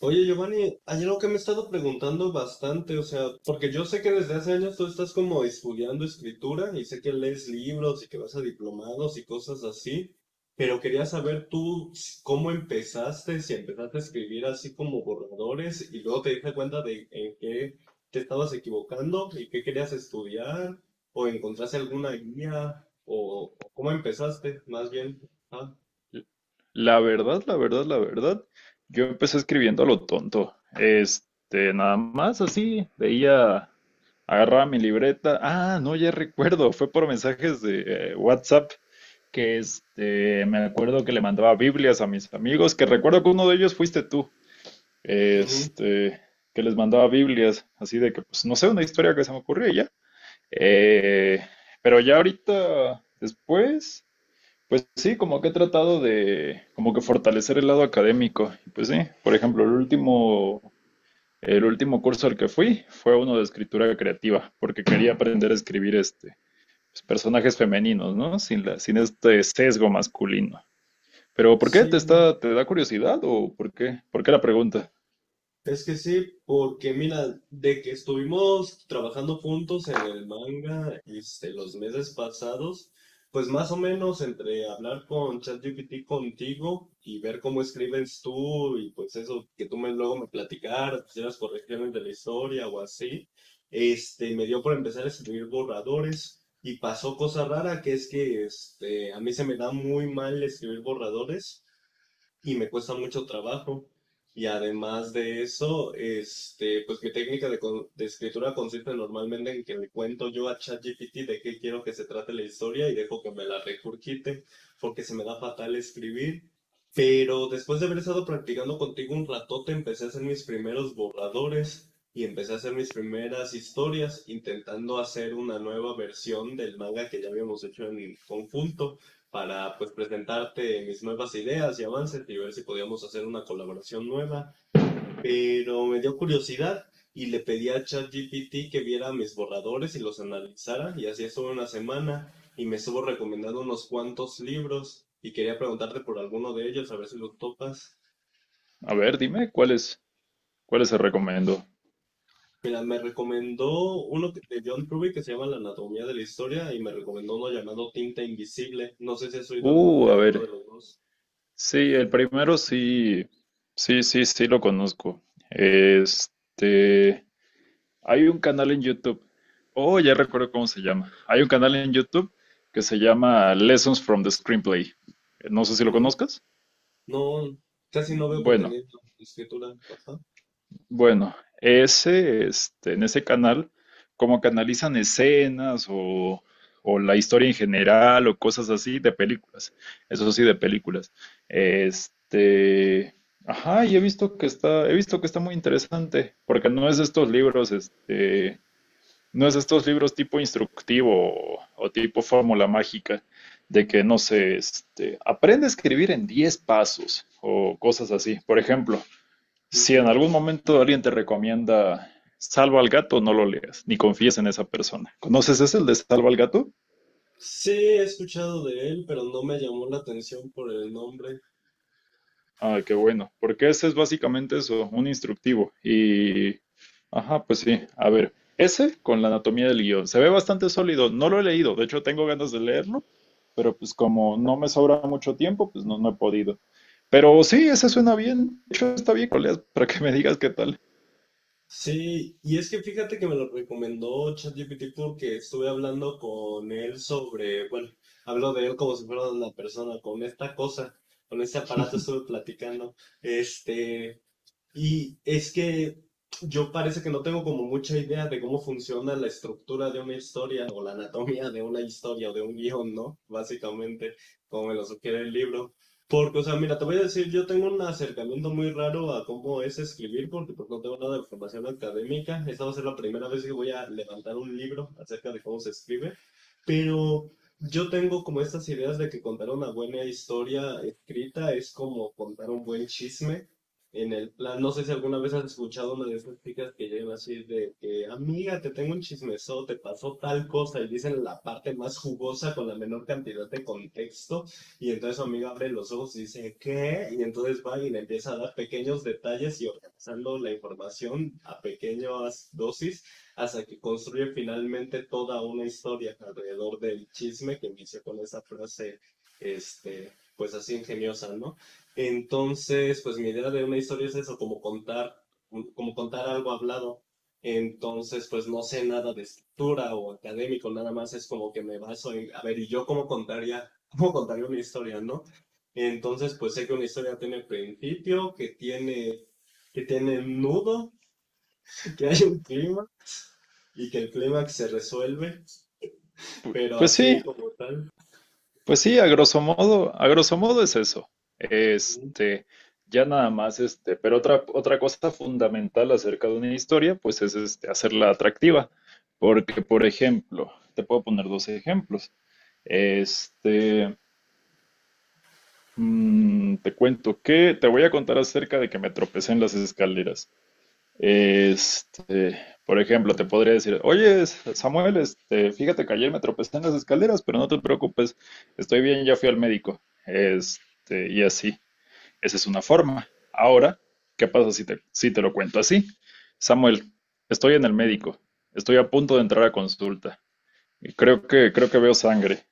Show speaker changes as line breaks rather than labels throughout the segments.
Oye, Giovanni, hay algo que me he estado preguntando bastante, o sea, porque yo sé que desde hace años tú estás como estudiando escritura y sé que lees libros y que vas a diplomados y cosas así, pero quería saber cómo empezaste, si empezaste a escribir así como borradores y luego te diste cuenta de en qué te estabas equivocando y qué querías estudiar, o encontraste alguna guía, o cómo empezaste, más bien. Ah,
La verdad, la verdad, la verdad, yo empecé escribiendo a lo tonto. Nada más así, veía, agarraba mi libreta. Ah, no, ya recuerdo, fue por mensajes de WhatsApp que me acuerdo que le mandaba Biblias a mis amigos, que recuerdo que uno de ellos fuiste tú.
ujú.
Este, que les mandaba Biblias, así de que, pues, no sé, una historia que se me ocurrió y ya. Eh, pero ya ahorita, después. Pues sí, como que he tratado de como que fortalecer el lado académico. Y pues sí, por ejemplo, el último curso al que fui fue uno de escritura creativa, porque quería aprender a escribir pues, personajes femeninos, ¿no? Sin sesgo masculino. Pero ¿por qué
Sí.
te da curiosidad o por qué? ¿Por qué la pregunta?
Es que sí, porque mira, de que estuvimos trabajando juntos en el manga este, los meses pasados, pues más o menos entre hablar con ChatGPT contigo y ver cómo escribes tú y pues eso que tú me, luego me platicaras, pues, las correcciones de la historia o así, me dio por empezar a escribir borradores y pasó cosa rara que es que a mí se me da muy mal escribir borradores y me cuesta mucho trabajo. Y además de eso, pues mi técnica de, de escritura consiste normalmente en que le cuento yo a ChatGPT de qué quiero que se trate la historia y dejo que me la recurquite, porque se me da fatal escribir. Pero después de haber estado practicando contigo un ratote, empecé a hacer mis primeros borradores y empecé a hacer mis primeras historias, intentando hacer una nueva versión del manga que ya habíamos hecho en conjunto para pues presentarte mis nuevas ideas y avances y ver si podíamos hacer una colaboración nueva, pero me dio curiosidad y le pedí a ChatGPT que viera mis borradores y los analizara y así estuve una semana y me estuvo recomendando unos cuantos libros y quería preguntarte por alguno de ellos a ver si los topas.
A ver, dime, ¿cuáles se recomiendo?
Mira, me recomendó de John Truby que se llama La Anatomía de la Historia y me recomendó uno llamado Tinta Invisible. No sé si has oído de
A
alguno de
ver.
los dos.
Sí, el primero sí, sí lo conozco. Este. Hay un canal en YouTube. Oh, ya recuerdo cómo se llama. Hay un canal en YouTube que se llama Lessons from the Screenplay. No sé si lo conozcas.
No, casi no veo
Bueno,
contenido de escritura. Ajá.
bueno, en ese canal, como canalizan escenas o la historia en general o cosas así de películas. Eso sí, de películas. Este, ajá, y he visto que está muy interesante, porque no es de estos libros, no es estos libros tipo instructivo tipo fórmula mágica de que, no sé, aprende a escribir en 10 pasos o cosas así. Por ejemplo, si en
Ujú.
algún momento alguien te recomienda Salva al gato, no lo leas, ni confíes en esa persona. ¿Conoces ese, el de Salva al gato?
Sí, he escuchado de él, pero no me llamó la atención por el nombre.
Ah, qué bueno, porque ese es básicamente eso, un instructivo. Y, ajá, pues sí, a ver, ese con la anatomía del guión, se ve bastante sólido, no lo he leído, de hecho tengo ganas de leerlo, pero pues como no me sobra mucho tiempo, pues no, no he podido. Pero sí, ese suena bien, de hecho está bien, colegas, para que me digas qué tal.
Sí, y es que fíjate que me lo recomendó ChatGPT porque estuve hablando con él sobre, bueno, hablo de él como si fuera una persona, con esta cosa, con este aparato estuve platicando. Este, Y es que yo parece que no tengo como mucha idea de cómo funciona la estructura de una historia o la anatomía de una historia o de un guión, ¿no? Básicamente, como me lo sugiere el libro. Porque, o sea, mira, te voy a decir, yo tengo un acercamiento muy raro a cómo es escribir, porque pues no tengo nada de formación académica. Esta va a ser la primera vez que voy a levantar un libro acerca de cómo se escribe. Pero yo tengo como estas ideas de que contar una buena historia escrita es como contar un buen chisme en el plan, no sé si alguna vez has escuchado una de esas chicas que llegan así de que, amiga, te tengo un chismesote, te pasó tal cosa, y dicen la parte más jugosa con la menor cantidad de contexto, y entonces su amiga abre los ojos y dice, ¿qué? Y entonces va y le empieza a dar pequeños detalles y organizando la información a pequeñas dosis hasta que construye finalmente toda una historia alrededor del chisme que inició con esa frase, pues así ingeniosa, ¿no? Entonces, pues mi idea de una historia es eso, como contar algo hablado. Entonces, pues no sé nada de escritura o académico, nada más es como que me baso en, a ver, ¿y yo cómo contaría una historia, no? Entonces, pues sé que una historia tiene principio, que tiene nudo, que hay un clima y que el clímax se resuelve, pero
Pues sí,
así como tal,
pues sí, a grosso modo es eso.
no.
Este, ya nada más, pero otra cosa fundamental acerca de una historia, pues es hacerla atractiva. Porque, por ejemplo, te puedo poner dos ejemplos. Este, te cuento que te voy a contar acerca de que me tropecé en las escaleras. Este, por ejemplo, te podría decir, oye, Samuel, fíjate que ayer me tropecé en las escaleras, pero no te preocupes, estoy bien, ya fui al médico. Y así. Esa es una forma. Ahora, ¿qué pasa si te, ¿si te lo cuento así? Samuel, estoy en el médico, estoy a punto de entrar a consulta. Y creo que veo sangre.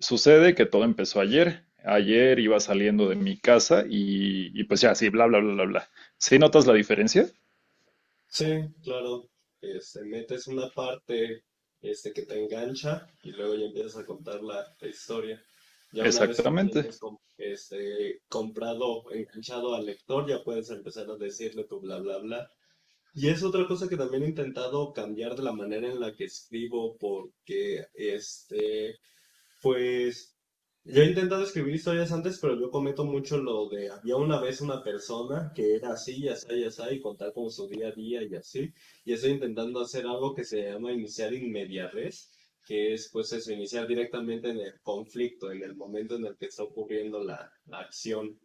Sucede que todo empezó ayer. Ayer iba saliendo de mi casa y pues ya, sí, bla, bla, bla, bla, bla. ¿Sí notas la diferencia?
Sí, claro. Metes una parte que te engancha y luego ya empiezas a contar la, la historia. Ya una vez que
Exactamente.
tienes comprado, enganchado al lector, ya puedes empezar a decirle tu bla bla bla. Y es otra cosa que también he intentado cambiar de la manera en la que escribo, porque pues yo he intentado escribir historias antes, pero yo cometo mucho lo de había una vez una persona que era así, y así, y así, y contar con su día a día y así. Y estoy intentando hacer algo que se llama iniciar in media res, que es pues eso, iniciar directamente en el conflicto, en el momento en el que está ocurriendo la, la acción.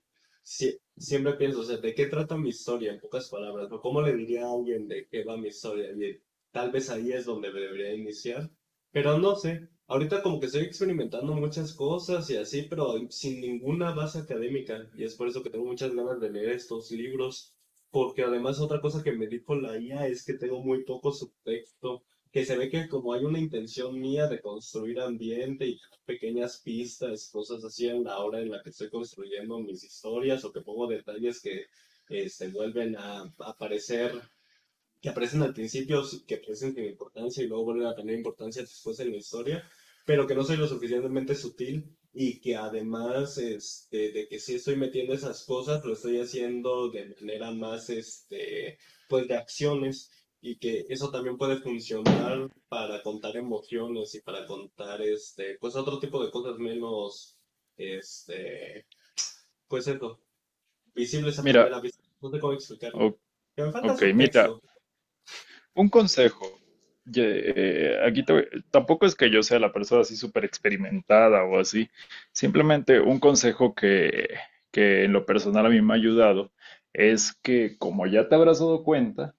Siempre pienso, o sea, ¿de qué trata mi historia? En pocas palabras, ¿no? ¿Cómo le diría a alguien de qué va mi historia? Y tal vez ahí es donde debería iniciar, pero no sé, ahorita como que estoy experimentando muchas cosas y así, pero sin ninguna base académica. Y es por eso que tengo muchas ganas de leer estos libros, porque además otra cosa que me dijo la IA es que tengo muy poco subtexto, que se ve que como hay una intención mía de construir ambiente y pequeñas pistas, cosas así en la hora en la que estoy construyendo mis historias o que pongo detalles que se vuelven a aparecer, que aparecen al principio, sí, que aparecen importancia y luego vuelven a tener importancia después en la historia, pero que no soy lo suficientemente sutil y que además de que sí estoy metiendo esas cosas, lo estoy haciendo de manera más, pues de acciones, y que eso también puede funcionar para contar emociones y para contar, pues otro tipo de cosas menos, este, pues eso, visibles a
Mira,
primera vista. No sé cómo explicarlo.
ok,
Que me falta
ok, mira,
subtexto.
un consejo. Aquí tampoco es que yo sea la persona así súper experimentada o así. Simplemente un consejo que en lo personal a mí me ha ayudado es que, como ya te habrás dado cuenta,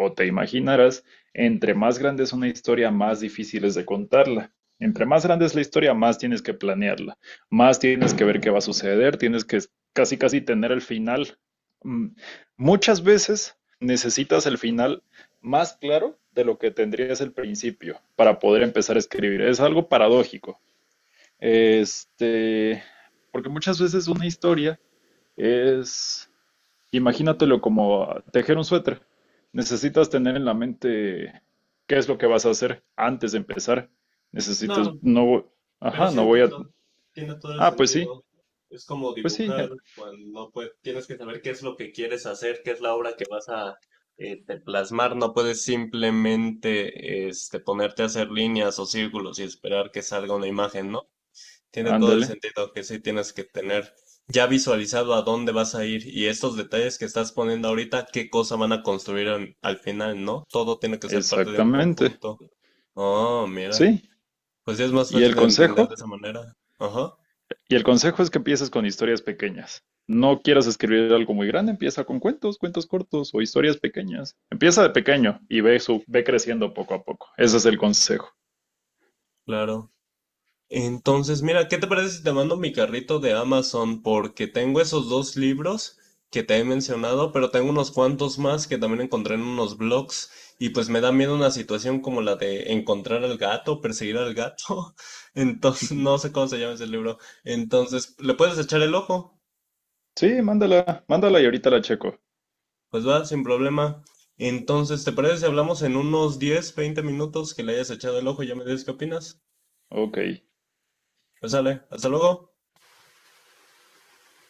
o te imaginarás, entre más grande es una historia, más difícil es de contarla. Entre más grande es la historia, más tienes que planearla, más tienes que ver qué va a suceder, tienes que casi casi tener el final. Mm, Muchas veces necesitas el final más claro de lo que tendrías el principio para poder empezar a escribir. Es algo paradójico. Este, porque muchas veces una historia es... Imagínatelo como tejer un suéter. Necesitas tener en la mente qué es lo que vas a hacer antes de empezar. Necesitas,
No,
no, vo-
pero
ajá,
sí
no voy a,
entiendo, tiene todo el
ah,
sentido. Es como
pues sí,
dibujar cuando pues, tienes que saber qué es lo que quieres hacer, qué es la obra que vas a te plasmar. No puedes simplemente ponerte a hacer líneas o círculos y esperar que salga una imagen, ¿no? Tiene todo el
ándale,
sentido que sí tienes que tener ya visualizado a dónde vas a ir y estos detalles que estás poniendo ahorita, qué cosa van a construir al, al final, ¿no? Todo tiene que ser parte de un
exactamente,
conjunto. Oh, mira.
sí.
Pues ya es más
¿Y
fácil
el
de entender de
consejo?
esa manera. Ajá,
Y el consejo es que empieces con historias pequeñas. No quieras escribir algo muy grande, empieza con cuentos, cuentos cortos o historias pequeñas. Empieza de pequeño y ve creciendo poco a poco. Ese es el consejo.
claro. Entonces, mira, ¿qué te parece si te mando mi carrito de Amazon? Porque tengo esos dos libros que te he mencionado, pero tengo unos cuantos más que también encontré en unos blogs y pues me da miedo una situación como la de encontrar al gato, perseguir al gato. Entonces, no sé cómo se llama ese libro. Entonces, ¿le puedes echar el ojo?
Sí, mándala, mándala y ahorita la checo.
Pues va, sin problema. Entonces, ¿te parece si hablamos en unos 10, 20 minutos que le hayas echado el ojo y ya me dices qué opinas?
Ok.
Pues sale, hasta luego.